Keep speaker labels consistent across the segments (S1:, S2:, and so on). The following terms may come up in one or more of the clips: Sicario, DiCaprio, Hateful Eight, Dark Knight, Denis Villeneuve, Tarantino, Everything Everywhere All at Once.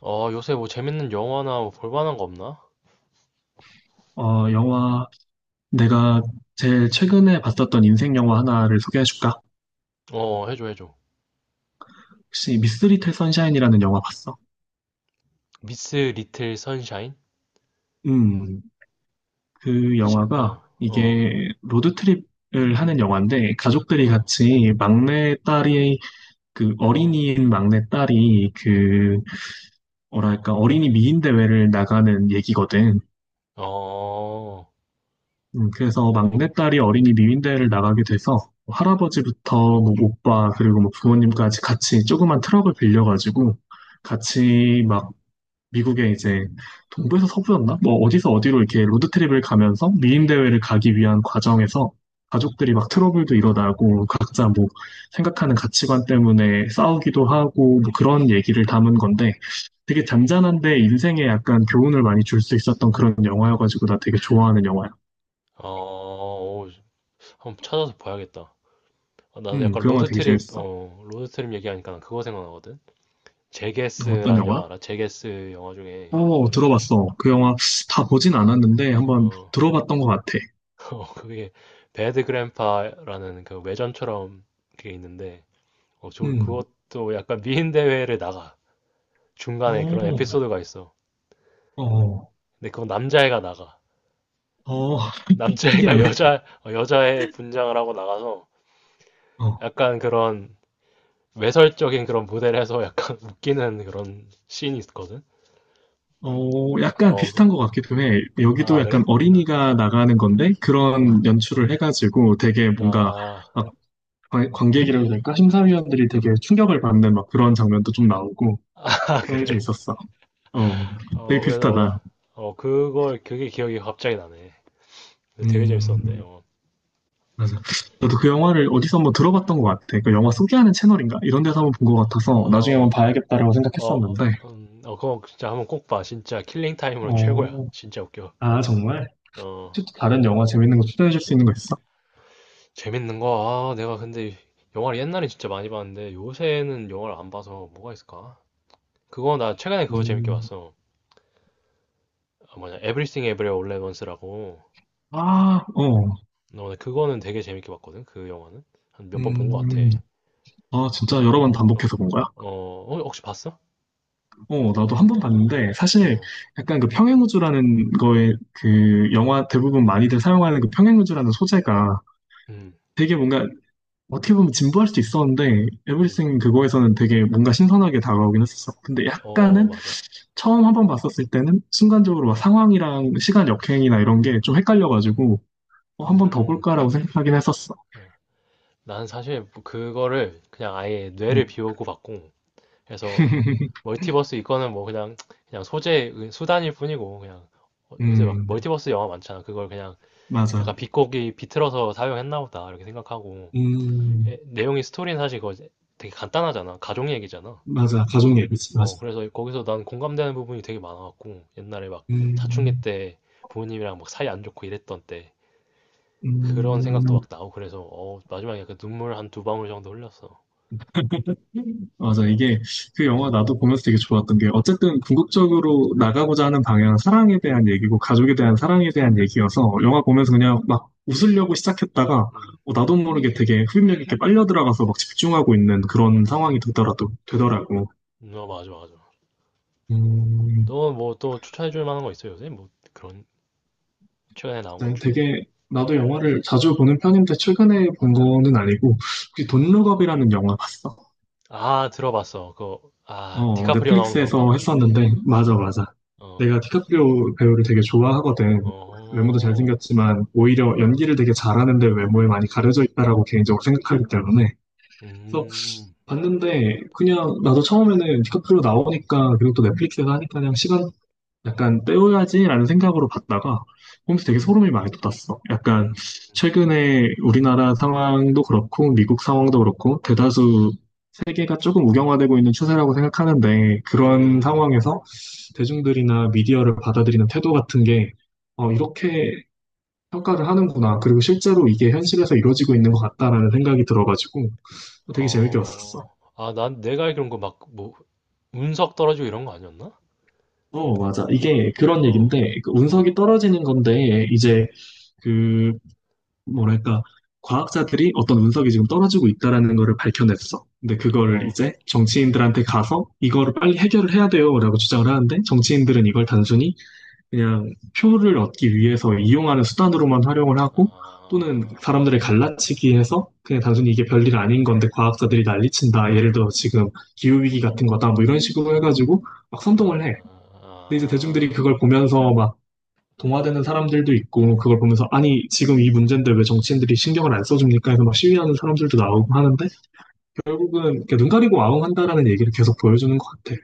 S1: 요새 뭐 재밌는 영화나 뭐 볼만한 거 없나?
S2: 어, 영화, 내가 제일 최근에 봤었던 인생 영화 하나를 소개해줄까?
S1: 어, 어, 해줘, 해줘.
S2: 혹시 미스 리틀 선샤인이라는 영화 봤어?
S1: 미스 리틀 선샤인?
S2: 음, 그 영화가
S1: 어, 어,
S2: 이게 로드트립을 하는 영화인데 가족들이
S1: 어,
S2: 같이 막내 딸이, 그 어린이인 막내 딸이 그, 뭐랄까, 어린이 미인 대회를 나가는 얘기거든.
S1: 어,
S2: 그래서
S1: 어,
S2: 막내딸이 어린이 미윈대회를 나가게 돼서 할아버지부터 뭐 오빠 그리고 뭐 부모님까지 같이 조그만 트럭을 빌려가지고 같이 막 미국에 이제 동부에서 서부였나? 뭐 어디서 어디로 이렇게 로드트립을 가면서 미인대회를 가기 위한 과정에서 가족들이 막 트러블도 일어나고 각자 뭐 생각하는 가치관 때문에 싸우기도 하고 뭐 그런 얘기를 담은 건데 되게 잔잔한데 인생에 약간 교훈을 많이 줄 수 있었던 그런 영화여가지고 나 되게 좋아하는 영화야.
S1: 어. 오, 한번 찾아서 봐야겠다. 아, 나도 약간
S2: 그 영화 되게 재밌어.
S1: 로드트립 얘기하니까 난 그거 생각나거든?
S2: 어떤
S1: 제게스라는
S2: 영화?
S1: 영화 알아? 제게스 영화 중에,
S2: 어, 들어봤어. 그 영화 다 보진 않았는데 한번
S1: 어,
S2: 들어봤던 것 같아.
S1: 그게 배드 그랜파라는 그 외전처럼 그게 있는데, 저
S2: 음,
S1: 그것도 약간 미인 대회를 나가. 중간에 그런
S2: 어,
S1: 에피소드가 있어.
S2: 어,
S1: 근데 그건 남자애가 나가.
S2: 어,
S1: 남자애가
S2: 특이하네.
S1: 여자애 분장을 하고 나가서
S2: 어,
S1: 약간 그런 외설적인 그런 무대를 해서 약간 웃기는 그런 씬이 있거든?
S2: 어, 약간
S1: 어,
S2: 비슷한
S1: 그-
S2: 것 같기도 해. 여기도
S1: 아,
S2: 약간
S1: 그래?
S2: 어린이가 나가는 건데
S1: 어,
S2: 그런 연출을 해가지고 되게
S1: 어,
S2: 뭔가
S1: 아,
S2: 막 관객이라고 해야 될까? 심사위원들이 되게 충격을 받는 막 그런 장면도 좀 나오고
S1: 아,
S2: 그런 게 좀
S1: 그래.
S2: 있었어. 어, 되게
S1: 그래서,
S2: 비슷하다.
S1: 그게 기억이 갑자기 나네. 근데 되게 재밌었는데.
S2: 음,
S1: 어,
S2: 맞아. 저도 그 영화를 어디서 한번 들어봤던 것 같아. 그 영화 소개하는 채널인가? 이런 데서 한번 본 것 같아서 나중에 한번
S1: 어,
S2: 봐야겠다라고
S1: 어,
S2: 생각했었는데.
S1: 어. 그거 진짜 한번 꼭 봐. 진짜 킬링타임으로 최고야.
S2: 어,
S1: 진짜 웃겨.
S2: 아, 정말?
S1: 어.
S2: 혹시 또 다른 영화 재밌는 거 추천해 줄 수 있는 거 있어?
S1: 재밌는 거, 아, 내가 근데 영화를 옛날에 진짜 많이 봤는데 요새는 영화를 안 봐서 뭐가 있을까? 그거 나 최근에 그거 재밌게
S2: 음,
S1: 봤어. 아, 뭐냐, Everything Everywhere All at Once라고. 나
S2: 아, 어.
S1: 오늘 그거는 되게 재밌게 봤거든. 그 영화는 한 몇 번 본 것 같아.
S2: 음, 아, 진짜 여러 번
S1: 어,
S2: 반복해서 본 거야?
S1: 어, 어, 혹시 봤어?
S2: 어, 나도 한번 봤는데,
S1: 어,
S2: 사실
S1: 어,
S2: 약간 그 평행우주라는 거에 그 영화 대부분 많이들 사용하는 그 평행우주라는 소재가
S1: 음,
S2: 되게 뭔가 어떻게 보면 진부할 수도 있었는데
S1: 음,
S2: 에브리싱 그거에서는 되게 뭔가 신선하게 다가오긴 했었어. 근데
S1: 어,
S2: 약간은
S1: 맞아.
S2: 처음 한번 봤었을 때는 순간적으로 막 상황이랑 시간 역행이나 이런 게 좀 헷갈려가지고 어, 한 번 더
S1: 음,
S2: 볼까라고 생각하긴 했었어.
S1: 어. 난 사실 그거를 그냥 아예 뇌를
S2: 음,
S1: 비우고 봤고, 그래서 멀티버스 이거는 뭐 그냥 소재 수단일 뿐이고 그냥 요새 막
S2: 음,
S1: 멀티버스 영화 많잖아. 그걸 그냥
S2: 맞아.
S1: 약간 비꼬기 비틀어서 사용했나 보다 이렇게 생각하고
S2: 음,
S1: 예, 내용이 스토리는 사실 그거 되게 간단하잖아. 가족 얘기잖아.
S2: 맞아. 가족 예비지 맞아.
S1: 그래서 거기서 난 공감되는 부분이 되게 많아갖고 옛날에 막 사춘기
S2: 음,
S1: 때 부모님이랑 막 사이 안 좋고 이랬던 때 그런 생각도 막
S2: 음.
S1: 나고 그래서 마지막에 약간 눈물 한 두 방울 정도 흘렸어.
S2: 맞아. 이게 그
S1: 어,
S2: 영화 나도 보면서 되게 좋았던 게 어쨌든 궁극적으로 나가고자 하는 방향은 사랑에 대한 얘기고 가족에 대한 사랑에 대한 얘기여서 영화 보면서 그냥 막 웃으려고 시작했다가
S1: 음,
S2: 어, 나도 모르게 되게 흡입력 있게 빨려 들어가서 막 집중하고 있는 그런 상황이 되더라도 되더라고.
S1: 어 맞아 맞아.
S2: 음,
S1: 너 뭐 또 추천해줄 만한 거 있어 요새 뭐 그런 최근에 나온 것
S2: 네,
S1: 중에?
S2: 되게 나도
S1: 어.
S2: 영화를 자주 보는 편인데 최근에 본 거는 아니고 혹시 돈룩업이라는 영화 봤어?
S1: 아, 들어봤어. 아,
S2: 어,
S1: 디카프리오 나오는 건가?
S2: 넷플릭스에서 했었는데, 맞아, 맞아.
S1: 어,
S2: 내가 디카프리오 배우를 되게 좋아하거든. 외모도
S1: 어,
S2: 잘생겼지만, 오히려
S1: 음,
S2: 연기를 되게 잘하는데 외모에 많이 가려져 있다라고 개인적으로 생각하기 때문에. 그래서
S1: 음,
S2: 봤는데, 그냥 나도 처음에는 디카프리오 나오니까, 그리고 또 넷플릭스에서 하니까 그냥 시간 약간 때워야지라는 생각으로 봤다가 보면서 되게 소름이 많이 돋았어. 약간
S1: 음,
S2: 최근에 우리나라 상황도 그렇고 미국 상황도 그렇고 대다수 세계가 조금 우경화되고 있는 추세라고 생각하는데 그런
S1: 음,
S2: 상황에서 대중들이나 미디어를 받아들이는 태도 같은 게 어, 이렇게 평가를 하는구나. 그리고 실제로 이게 현실에서 이루어지고 있는 것 같다라는 생각이 들어가지고 되게 재밌게 봤었어.
S1: 어. 아, 난 내가 알기로는 그 막, 뭐, 운석 떨어지고 이런 거 아니었나?
S2: 어, 맞아. 이게 그런
S1: 어,
S2: 얘기인데, 그
S1: 어,
S2: 운석이 떨어지는 건데, 이제 그 뭐랄까, 과학자들이 어떤 운석이 지금 떨어지고 있다라는 거를 밝혀냈어. 근데
S1: 어.
S2: 그거를 이제 정치인들한테 가서 이거를 빨리 해결을 해야 돼요라고 주장을 하는데 정치인들은 이걸 단순히 그냥 표를 얻기 위해서 이용하는 수단으로만 활용을 하고 또는 사람들을
S1: 아,
S2: 갈라치기 해서 그냥 단순히 이게 별일 아닌 건데 과학자들이 난리친다. 예를 들어 지금 기후위기 같은 거다. 뭐 이런 식으로 해가지고 막
S1: 아,
S2: 선동을 해. 근데 이제 대중들이
S1: 아.
S2: 그걸 보면서 막 동화되는 사람들도 있고 그걸 보면서 아니 지금 이 문제인데 왜 정치인들이 신경을 안 써줍니까 해서 막 시위하는 사람들도 나오고 하는데 결국은 이렇게 눈 가리고 아웅한다라는 얘기를 계속 보여주는 것 같아.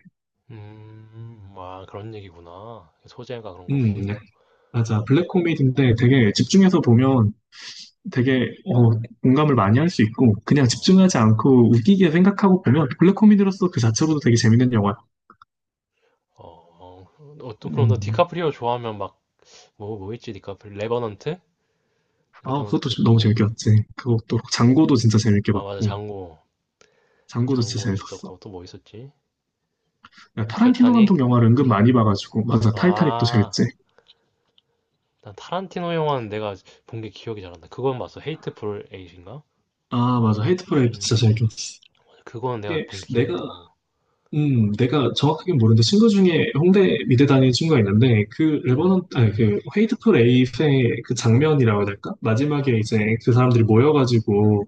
S1: 아, 그런 얘기구나. 소재가 그런
S2: 네.
S1: 거고.
S2: 맞아. 블랙 코미디인데 되게
S1: 음,
S2: 집중해서 보면 되게 어, 공감을 많이 할 수 있고 그냥 집중하지
S1: 어.
S2: 않고 웃기게 생각하고 보면 블랙 코미디로서 그 자체로도 되게 재밌는 영화야.
S1: 어, 어떤 그럼 너
S2: 음.
S1: 디카프리오 좋아하면 막 뭐 뭐 있지 디카프리 레버넌트?
S2: 아, 그것도
S1: 레버넌트.
S2: 좀 너무 재밌게 봤지. 그것도 장고도 진짜 재밌게
S1: 아, 맞아,
S2: 봤고
S1: 장고.
S2: 장고도 진짜
S1: 장고도
S2: 재밌었어.
S1: 있었고 또 뭐 있었지?
S2: 야, 타란티노
S1: 타이타닉.
S2: 감독
S1: 아,
S2: 영화를 은근 많이 봐가지고 맞아 타이타닉도
S1: 아,
S2: 재밌지
S1: 난 타란티노 영화는 내가 본 게 기억이 잘 안 나. 그건 봤어. 헤이트풀 에잇인가?
S2: 아 맞아 헤이트풀 에이트
S1: 음,
S2: 진짜 재밌었어
S1: 맞아. 그거는 내가
S2: 이게
S1: 본 게 기억이
S2: 내가
S1: 나. 어.
S2: 내가 정확하게 모르는데 친구 중에 홍대 미대 다니는 친구가 있는데 그
S1: 음,
S2: 레버넌 아니 그 헤이트풀 에이트의 그 장면이라고 해야 될까 마지막에 이제 그 사람들이 모여가지고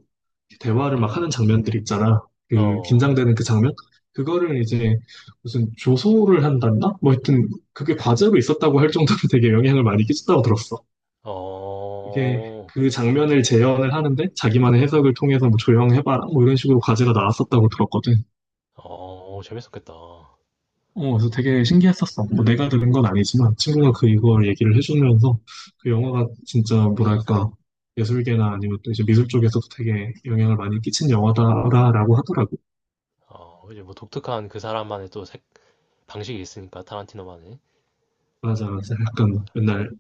S1: 음,
S2: 대화를 막
S1: 음.
S2: 하는 장면들 있잖아 그
S1: 어,
S2: 긴장되는 그 장면 그거를 이제 무슨 조소를 한단다 뭐 하여튼 그게 과제로 있었다고 할 정도로 되게 영향을 많이 끼쳤다고 들었어
S1: 어,
S2: 이게 그 장면을 재현을 하는데 자기만의 해석을 통해서 뭐 조형해봐라 뭐 이런 식으로 과제가 나왔었다고 들었거든.
S1: 어, 어, 재밌었겠다. 어,
S2: 어, 그래서 되게 신기했었어. 뭐 내가 들은 건 아니지만 친구가 그 이걸 얘기를 해주면서 그 영화가 진짜 뭐랄까 예술계나 아니면 또 이제 미술 쪽에서도 되게 영향을 많이 끼친 영화다라고 하더라고.
S1: 어, 이제 뭐 독특한 그 사람만의 또 색, 방식이 있으니까 타란티노만의.
S2: 맞아, 맞아. 약간 맨날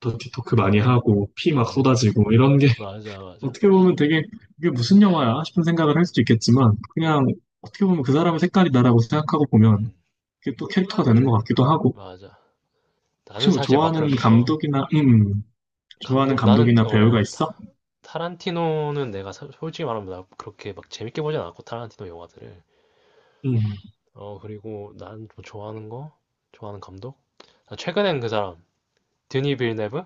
S2: 더티토크 많이 하고 피 막
S1: 음,
S2: 쏟아지고 이런 게
S1: 맞아, 맞아.
S2: 어떻게 보면 되게 이게 무슨 영화야 싶은 생각을 할 수도 있겠지만 그냥 어떻게 보면 그 사람의 색깔이다라고 생각하고 보면
S1: 음,
S2: 그게 또 캐릭터가 되는 것 같기도 하고.
S1: 맞아.
S2: 혹시
S1: 나는
S2: 뭐
S1: 사실 막
S2: 좋아하는
S1: 그렇게,
S2: 감독이나, 좋아하는
S1: 감독, 나는,
S2: 감독이나 배우가 있어?
S1: 타란티노는 내가 솔직히 말하면 나 그렇게 막 재밌게 보진 않았고, 타란티노 영화들을.
S2: 음,
S1: 그리고 난 좀 좋아하는 거? 좋아하는 감독? 나 최근엔 그 사람, 드니 빌네브?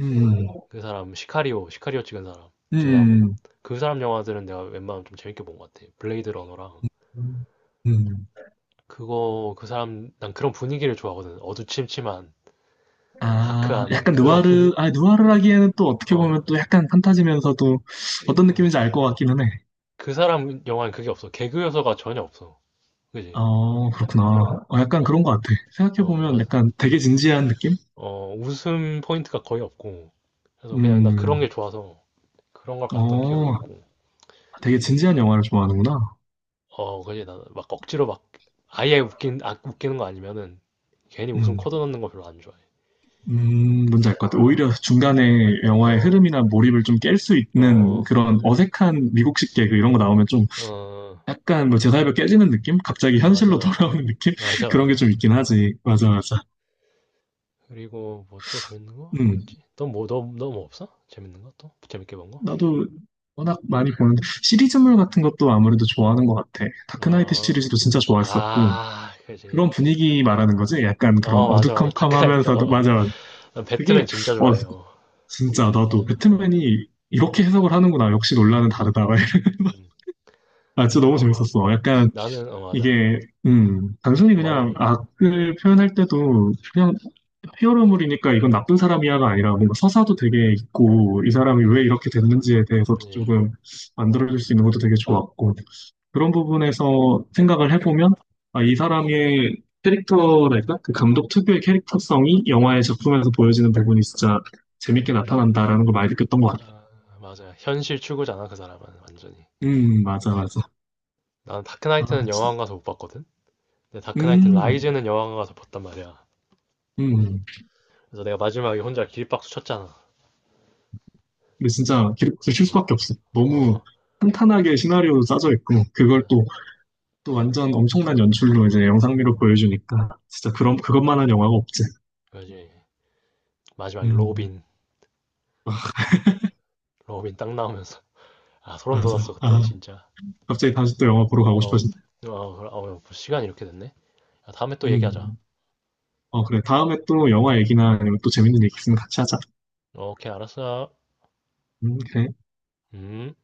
S2: 음,
S1: 그 사람, 시카리오, 시카리오 찍은 사람, 듄하고.
S2: 음,
S1: 그 사람 영화들은 내가 웬만하면 좀 재밌게 본 것 같아. 블레이드 러너랑.
S2: 음.
S1: 난 그런 분위기를 좋아하거든. 어두침침한,
S2: 아,
S1: 다크한
S2: 약간
S1: 그런 분위,
S2: 느와르, 아, 느와르라기에는 또 어떻게
S1: 어,
S2: 보면 또 약간 판타지면서도 어떤
S1: 어.
S2: 느낌인지 알 것 같기는 해.
S1: 그 사람 영화는 그게 없어. 개그 요소가 전혀 없어. 그지?
S2: 어, 그렇구나. 어, 약간
S1: 어,
S2: 그런 것 같아.
S1: 어,
S2: 생각해보면
S1: 어,
S2: 약간 되게 진지한 느낌?
S1: 어. 웃음 포인트가 거의 없고. 그래서 그냥 나 그런 게
S2: 음,
S1: 좋아서 그런 걸 봤던 기억이
S2: 어,
S1: 있고.
S2: 되게 진지한 영화를 좋아하는구나.
S1: 그지? 나 막 억지로 막 아예 웃기는 거 아니면은 괜히 웃음
S2: 음.
S1: 코드 넣는 거 별로 안 좋아해.
S2: 뭔지 알 것 같아요. 오히려 중간에 영화의
S1: 어,
S2: 흐름이나 몰입을 좀 깰 수 있는
S1: 어,
S2: 그런 어색한 미국식 개그 이런 거 나오면 좀
S1: 어,
S2: 약간 뭐 제사협에 깨지는 느낌? 갑자기
S1: 맞아,
S2: 현실로
S1: 맞아.
S2: 돌아오는 느낌?
S1: 맞아,
S2: 그런 게
S1: 맞아.
S2: 좀 있긴 하지. 맞아, 맞아.
S1: 그리고 뭐 또 재밌는 거? 뭐
S2: 음,
S1: 있지? 너 뭐 없어? 재밌는 거 또? 재밌게 본 거?
S2: 나도 워낙 많이 보는데 시리즈물 같은 것도 아무래도 좋아하는 것 같아. 다크나이트
S1: 어,
S2: 시리즈도 진짜 좋아했었고
S1: 아, 그지.
S2: 그런 분위기 말하는 거지? 약간 그런
S1: 어, 맞아, 맞아. 다크나이트.
S2: 어두컴컴하면서도
S1: 어.
S2: 맞아, 맞아.
S1: 난 배트맨
S2: 그게
S1: 진짜 좋
S2: 와,
S1: 아해 어,
S2: 진짜 나도
S1: 어.
S2: 배트맨이 이렇게 해석을 하는구나. 역시 논란은
S1: 음,
S2: 다르다.
S1: 음.
S2: 아, 진짜 너무 재밌었어. 약간
S1: 맞아.
S2: 이게 단순히
S1: 어, 말해줘,
S2: 그냥
S1: 말해줘.
S2: 악을 표현할 때도 그냥 히어로물이니까 이건 나쁜 사람이야가 아니라 뭔가 서사도 되게 있고 이 사람이 왜 이렇게 됐는지에 대해서도
S1: 아니,
S2: 조금 만들어줄 수 있는 것도 되게 좋았고 그런 부분에서 생각을 해보면 아, 이 사람의 캐릭터랄까? 그 감독 특유의 캐릭터성이 영화의 작품에서 보여지는 부분이 진짜 재밌게 나타난다라는 걸 많이 느꼈던 것 같아.
S1: 아, 맞아. 현실 추구잖아, 그 사람은. 완전히.
S2: 맞아, 맞아.
S1: 나는
S2: 아,
S1: 다크나이트는 영화관 가서 못 봤거든? 근데 다크나이트
S2: 음,
S1: 라이즈는 영화관 가서 봤단 말이야.
S2: 음.
S1: 그래서 내가 마지막에 혼자 길박수 쳤잖아.
S2: 근데 진짜 들쉴
S1: 어,
S2: 수밖에 없어. 너무
S1: 어,
S2: 탄탄하게 시나리오도 짜져 있고,
S1: 맞아.
S2: 또 완전 엄청난 연출로 이제 영상미로 보여주니까, 진짜 그런, 그것만한 영화가 없지.
S1: 그지. 마지막에
S2: 음, 아,
S1: 로빈 딱 나오면서. 아, 소름
S2: 맞아.
S1: 돋았어, 그때,
S2: 아,
S1: 진짜.
S2: 갑자기 다시 또 영화 보러 가고
S1: 어,
S2: 싶어지네.
S1: 어, 그래. 시간이 이렇게 됐네. 야, 다음에 또 얘기하자.
S2: 음, 어, 그래. 다음에 또 영화 얘기나 아니면 또 재밌는 얘기 있으면 같이 하자.
S1: 어, 오케이, 알았어.
S2: 그래.
S1: 음.